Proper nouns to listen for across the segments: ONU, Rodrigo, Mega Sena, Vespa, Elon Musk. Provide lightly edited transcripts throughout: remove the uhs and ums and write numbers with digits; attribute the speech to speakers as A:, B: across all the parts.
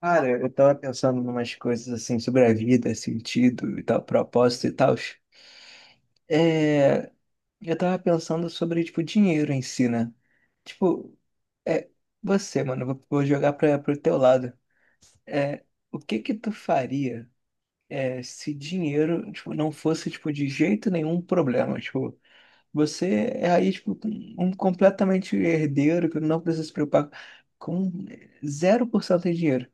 A: Cara, eu tava pensando em umas coisas assim sobre a vida, sentido e tal, propósito e tal. É, eu tava pensando sobre, tipo, dinheiro em si, né? Tipo, é, você, mano, eu vou jogar pro teu lado. É, o que que tu faria se dinheiro, tipo, não fosse, tipo, de jeito nenhum um problema? Tipo, você é aí, tipo, um completamente herdeiro que não precisa se preocupar com zero por cento de dinheiro.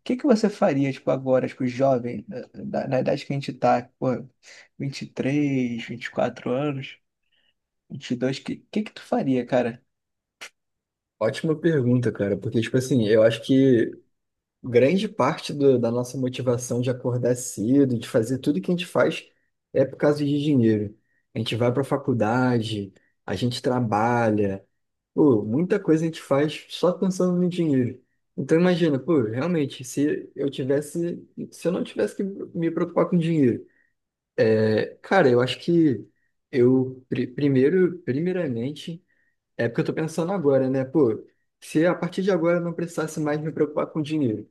A: O que que você faria, tipo, agora, tipo, jovem, na idade que a gente tá, pô, 23, 24 anos, 22 que que tu faria, cara?
B: Ótima pergunta, cara, porque, tipo assim, eu acho que grande parte da nossa motivação de acordar cedo, de fazer tudo que a gente faz, é por causa de dinheiro. A gente vai pra faculdade, a gente trabalha, pô, muita coisa a gente faz só pensando no dinheiro. Então, imagina, pô, realmente, se eu não tivesse que me preocupar com dinheiro, cara, eu acho que primeiro, primeiramente, é porque eu tô pensando agora, né? Pô, se a partir de agora eu não precisasse mais me preocupar com dinheiro,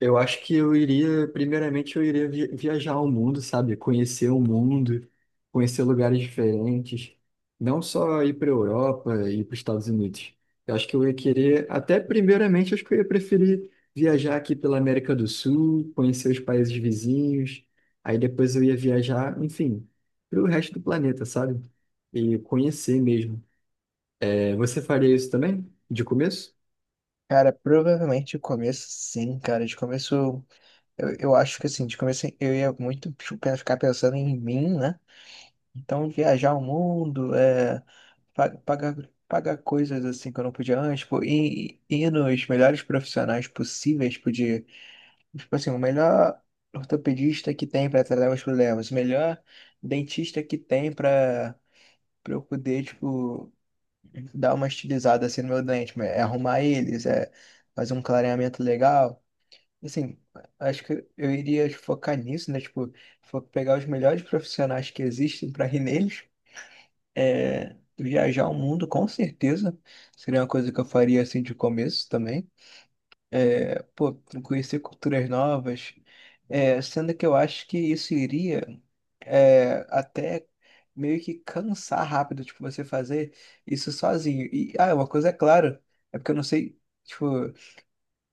B: eu acho que eu iria, primeiramente, viajar ao mundo, sabe? Conhecer o mundo, conhecer lugares diferentes, não só ir para a Europa e para os Estados Unidos. Eu acho que eu ia querer, até primeiramente, acho que eu ia preferir viajar aqui pela América do Sul, conhecer os países vizinhos, aí depois eu ia viajar, enfim, para o resto do planeta, sabe? E conhecer mesmo. Você faria isso também? De começo?
A: Cara, provavelmente de começo, sim, cara. De começo, eu acho que assim, de começo eu ia muito tipo, ficar pensando em mim, né? Então, viajar o mundo, pagar, pagar coisas assim que eu não podia antes, tipo, ir nos melhores profissionais possíveis, podia, tipo assim, o melhor ortopedista que tem para tratar meus problemas, o melhor dentista que tem para eu poder, tipo, dar uma estilizada assim no meu dente, arrumar eles, fazer um clareamento legal. Assim, acho que eu iria focar nisso, né? Tipo, pegar os melhores profissionais que existem para ir neles, viajar o mundo, com certeza, seria uma coisa que eu faria assim de começo também. É, pô, conhecer culturas novas. É, sendo que eu acho que isso iria até meio que cansar rápido, tipo, você fazer isso sozinho. E, ah, uma coisa é clara, é porque eu não sei, tipo,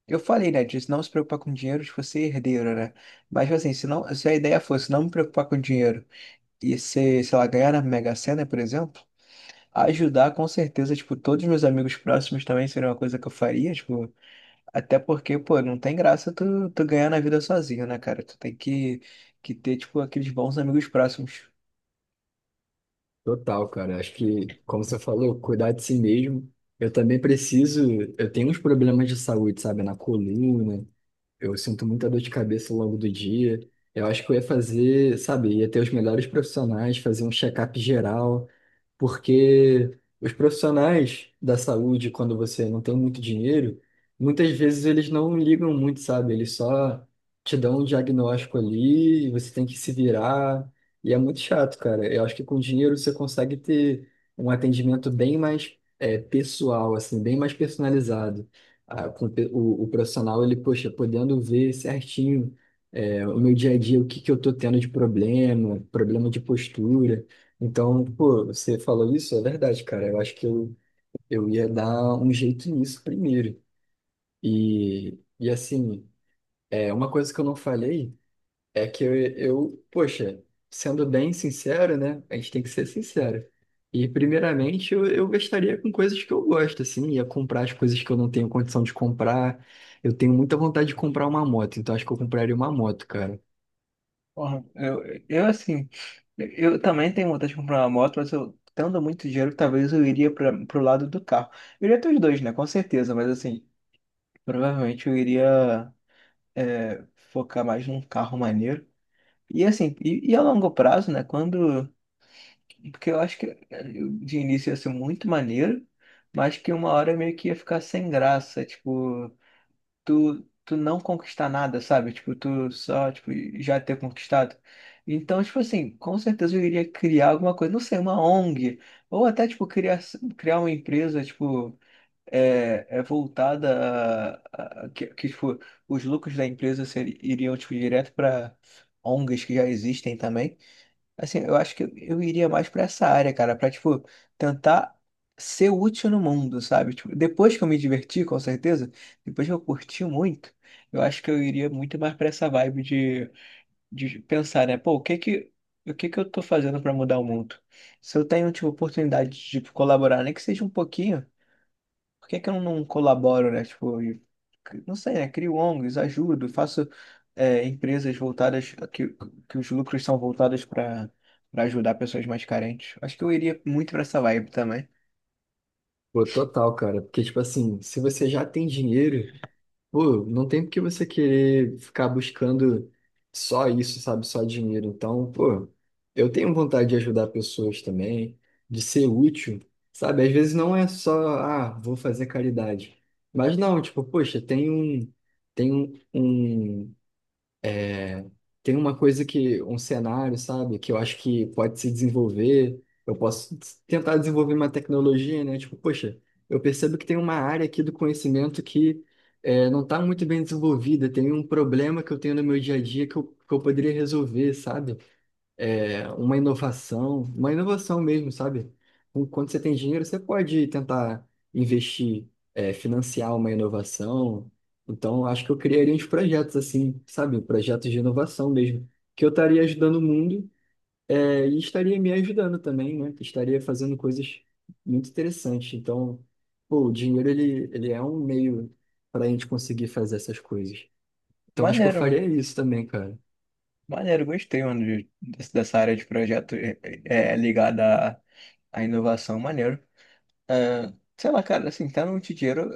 A: eu falei, né, de não se preocupar com dinheiro, de você ser herdeiro, né? Mas, tipo assim, se a ideia fosse não me preocupar com dinheiro e ser, sei lá, ganhar na Mega Sena, por exemplo. Ajudar, com certeza, tipo, todos os meus amigos próximos também seria uma coisa que eu faria, tipo, até porque, pô, não tem graça tu ganhar na vida sozinho, né, cara? Que ter, tipo, aqueles bons amigos próximos.
B: Total, cara. Acho que, como você falou, cuidar de si mesmo. Eu também preciso. Eu tenho uns problemas de saúde, sabe? Na coluna. Eu sinto muita dor de cabeça ao longo do dia. Eu acho que eu ia fazer, sabe? Ia ter os melhores profissionais, fazer um check-up geral. Porque os profissionais da saúde, quando você não tem muito dinheiro, muitas vezes eles não ligam muito, sabe? Eles só te dão um diagnóstico ali, e você tem que se virar, e é muito chato, cara. Eu acho que com dinheiro você consegue ter um atendimento bem mais pessoal, assim, bem mais personalizado. Ah, o profissional, ele, poxa, podendo ver certinho. O meu dia a dia, o que que eu tô tendo de problema, problema de postura. Então, pô, você falou isso, é verdade, cara. Eu acho que eu ia dar um jeito nisso primeiro. E assim, é, uma coisa que eu não falei é que poxa, sendo bem sincero, né? A gente tem que ser sincero. E primeiramente eu gastaria com coisas que eu gosto, assim, ia comprar as coisas que eu não tenho condição de comprar. Eu tenho muita vontade de comprar uma moto, então acho que eu compraria uma moto, cara.
A: Porra, eu assim, eu também tenho vontade de comprar uma moto, mas eu, tendo muito dinheiro, talvez eu iria pro lado do carro. Eu iria ter os dois, né, com certeza, mas assim, provavelmente eu iria, é, focar mais num carro maneiro. E assim, e a longo prazo, né, quando... Porque eu acho que de início ia ser muito maneiro, mas que uma hora meio que ia ficar sem graça, tipo, tu não conquistar nada, sabe? Tipo, tu só, tipo, já ter conquistado. Então, tipo assim, com certeza eu iria criar alguma coisa, não sei, uma ONG, ou até, tipo, criar uma empresa, tipo, é voltada que, tipo, os lucros da empresa iriam, tipo, direto para ONGs que já existem também. Assim, eu acho que eu iria mais pra essa área, cara, pra, tipo, tentar ser útil no mundo, sabe? Tipo, depois que eu me diverti, com certeza, depois que eu curti muito, eu acho que eu iria muito mais pra essa vibe de pensar, né? Pô, o que que eu tô fazendo pra mudar o mundo? Se eu tenho, tipo, oportunidade de, tipo, colaborar, nem que seja um pouquinho. Por que que eu não colaboro, né? Tipo, não sei, né? Crio ONGs, ajudo, faço empresas voltadas, que os lucros são voltados para ajudar pessoas mais carentes. Acho que eu iria muito para essa vibe também.
B: Pô, total, cara. Porque, tipo assim, se você já tem dinheiro. Pô, não tem porque você querer ficar buscando só isso, sabe? Só dinheiro. Então, pô, eu tenho vontade de ajudar pessoas também, de ser útil, sabe? Às vezes não é só, ah, vou fazer caridade. Mas não, tipo, poxa, tem um, um tem uma coisa que, um cenário, sabe, que eu acho que pode se desenvolver. Eu posso tentar desenvolver uma tecnologia, né? Tipo, poxa, eu percebo que tem uma área aqui do conhecimento que é, não está muito bem desenvolvida, tem um problema que eu tenho no meu dia a dia que eu poderia resolver, sabe? É, uma inovação mesmo, sabe? Quando você tem dinheiro, você pode tentar investir, é, financiar uma inovação. Então, acho que eu criaria uns projetos assim, sabe? Projetos de inovação mesmo, que eu estaria ajudando o mundo, é, e estaria me ajudando também, né? Que estaria fazendo coisas muito interessantes. Então, pô, o dinheiro, ele é um meio para a gente conseguir fazer essas coisas. Então, acho que eu
A: Maneiro, mano.
B: faria isso também, cara.
A: Maneiro, gostei, mano, dessa área de projeto, é ligada à inovação. Maneiro. É, sei lá, cara, assim, tendo muito dinheiro,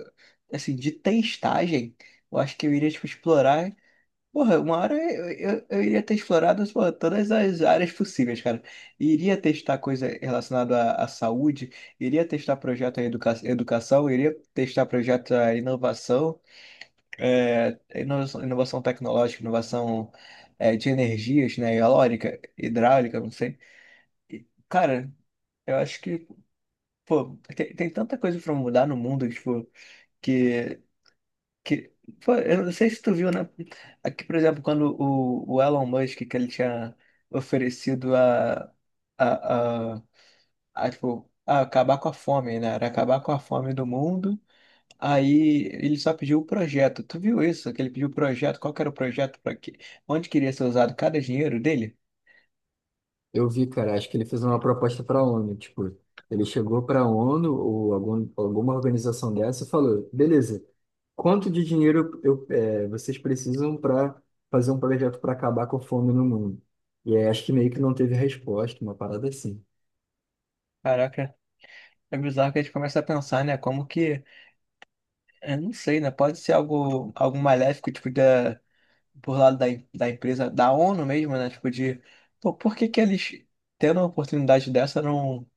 A: assim, de testagem, eu acho que eu iria, tipo, explorar. Porra, uma hora eu iria ter explorado, porra, todas as áreas possíveis, cara. Iria testar coisa relacionada à saúde, iria testar projeto à educação, iria testar projeto à inovação, inovação, inovação tecnológica, inovação de energias, né? Eólica, hidráulica, não sei. E, cara, eu acho que, pô, tem tanta coisa pra mudar no mundo, tipo, que que, pô, eu não sei se tu viu, né? Aqui, por exemplo, quando o Elon Musk, que ele tinha oferecido a, a, tipo, a acabar com a fome, né? Era acabar com a fome do mundo. Aí ele só pediu o projeto. Tu viu isso? Que ele pediu o projeto. Qual que era o projeto? Para que, onde queria ser usado cada dinheiro dele?
B: Eu vi, cara, acho que ele fez uma proposta para a ONU, tipo, ele chegou para a ONU ou alguma organização dessa e falou, beleza, quanto de dinheiro vocês precisam para fazer um projeto para acabar com a fome no mundo? E aí, acho que meio que não teve resposta, uma parada assim.
A: Caraca, é bizarro que a gente começa a pensar, né? Como que... Eu não sei, né? Pode ser algo, algo maléfico, tipo, da por lado da, da empresa, da ONU mesmo, né? Tipo, de pô, por que que eles, tendo uma oportunidade dessa, não,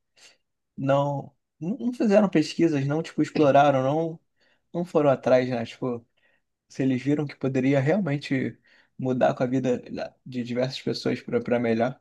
A: não, não fizeram pesquisas, não, tipo, exploraram, não, não foram atrás, né? Tipo, se eles viram que poderia realmente mudar com a vida de diversas pessoas pra melhor.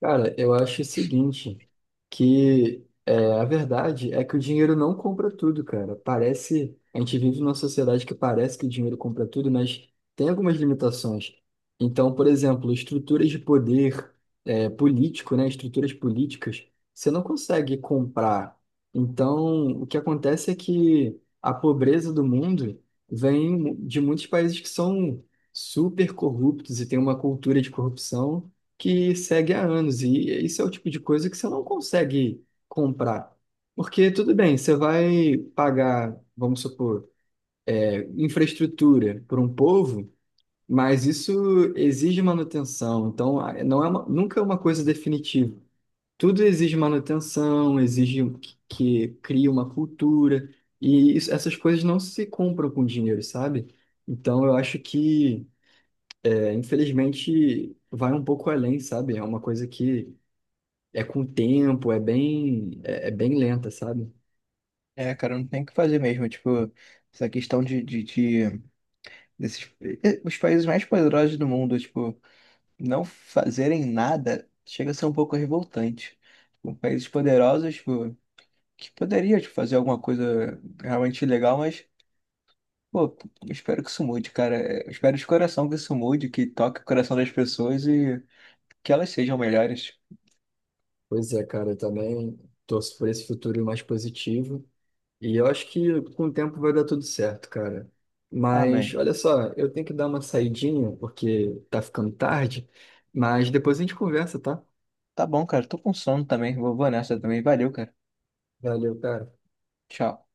B: Cara, eu acho o seguinte, a verdade é que o dinheiro não compra tudo, cara. Parece, a gente vive numa sociedade que parece que o dinheiro compra tudo, mas tem algumas limitações. Então, por exemplo, estruturas de poder político, né, estruturas políticas, você não consegue comprar. Então, o que acontece é que a pobreza do mundo vem de muitos países que são super corruptos e tem uma cultura de corrupção que segue há anos. E isso é o tipo de coisa que você não consegue comprar. Porque, tudo bem, você vai pagar, vamos supor, é, infraestrutura para um povo, mas isso exige manutenção. Então, nunca é uma coisa definitiva. Tudo exige manutenção, exige que crie uma cultura. Essas coisas não se compram com dinheiro, sabe? Então, eu acho que, é, infelizmente, vai um pouco além, sabe? É uma coisa que é com o tempo, é, é bem lenta, sabe?
A: É, cara, não tem o que fazer mesmo, tipo, essa questão de desses, os países mais poderosos do mundo, tipo, não fazerem nada chega a ser um pouco revoltante. Tipo, países poderosos, tipo, que poderia te fazer alguma coisa realmente legal, mas, pô, eu espero que isso mude, cara. É, eu espero de coração que isso mude, que toque o coração das pessoas e que elas sejam melhores.
B: Pois é, cara, eu também torço por esse futuro mais positivo. E eu acho que com o tempo vai dar tudo certo, cara. Mas
A: Amém.
B: olha só, eu tenho que dar uma saidinha porque tá ficando tarde, mas depois a gente conversa, tá?
A: Tá bom, cara. Tô com sono também. Vou nessa também. Valeu, cara.
B: Valeu, cara.
A: Tchau.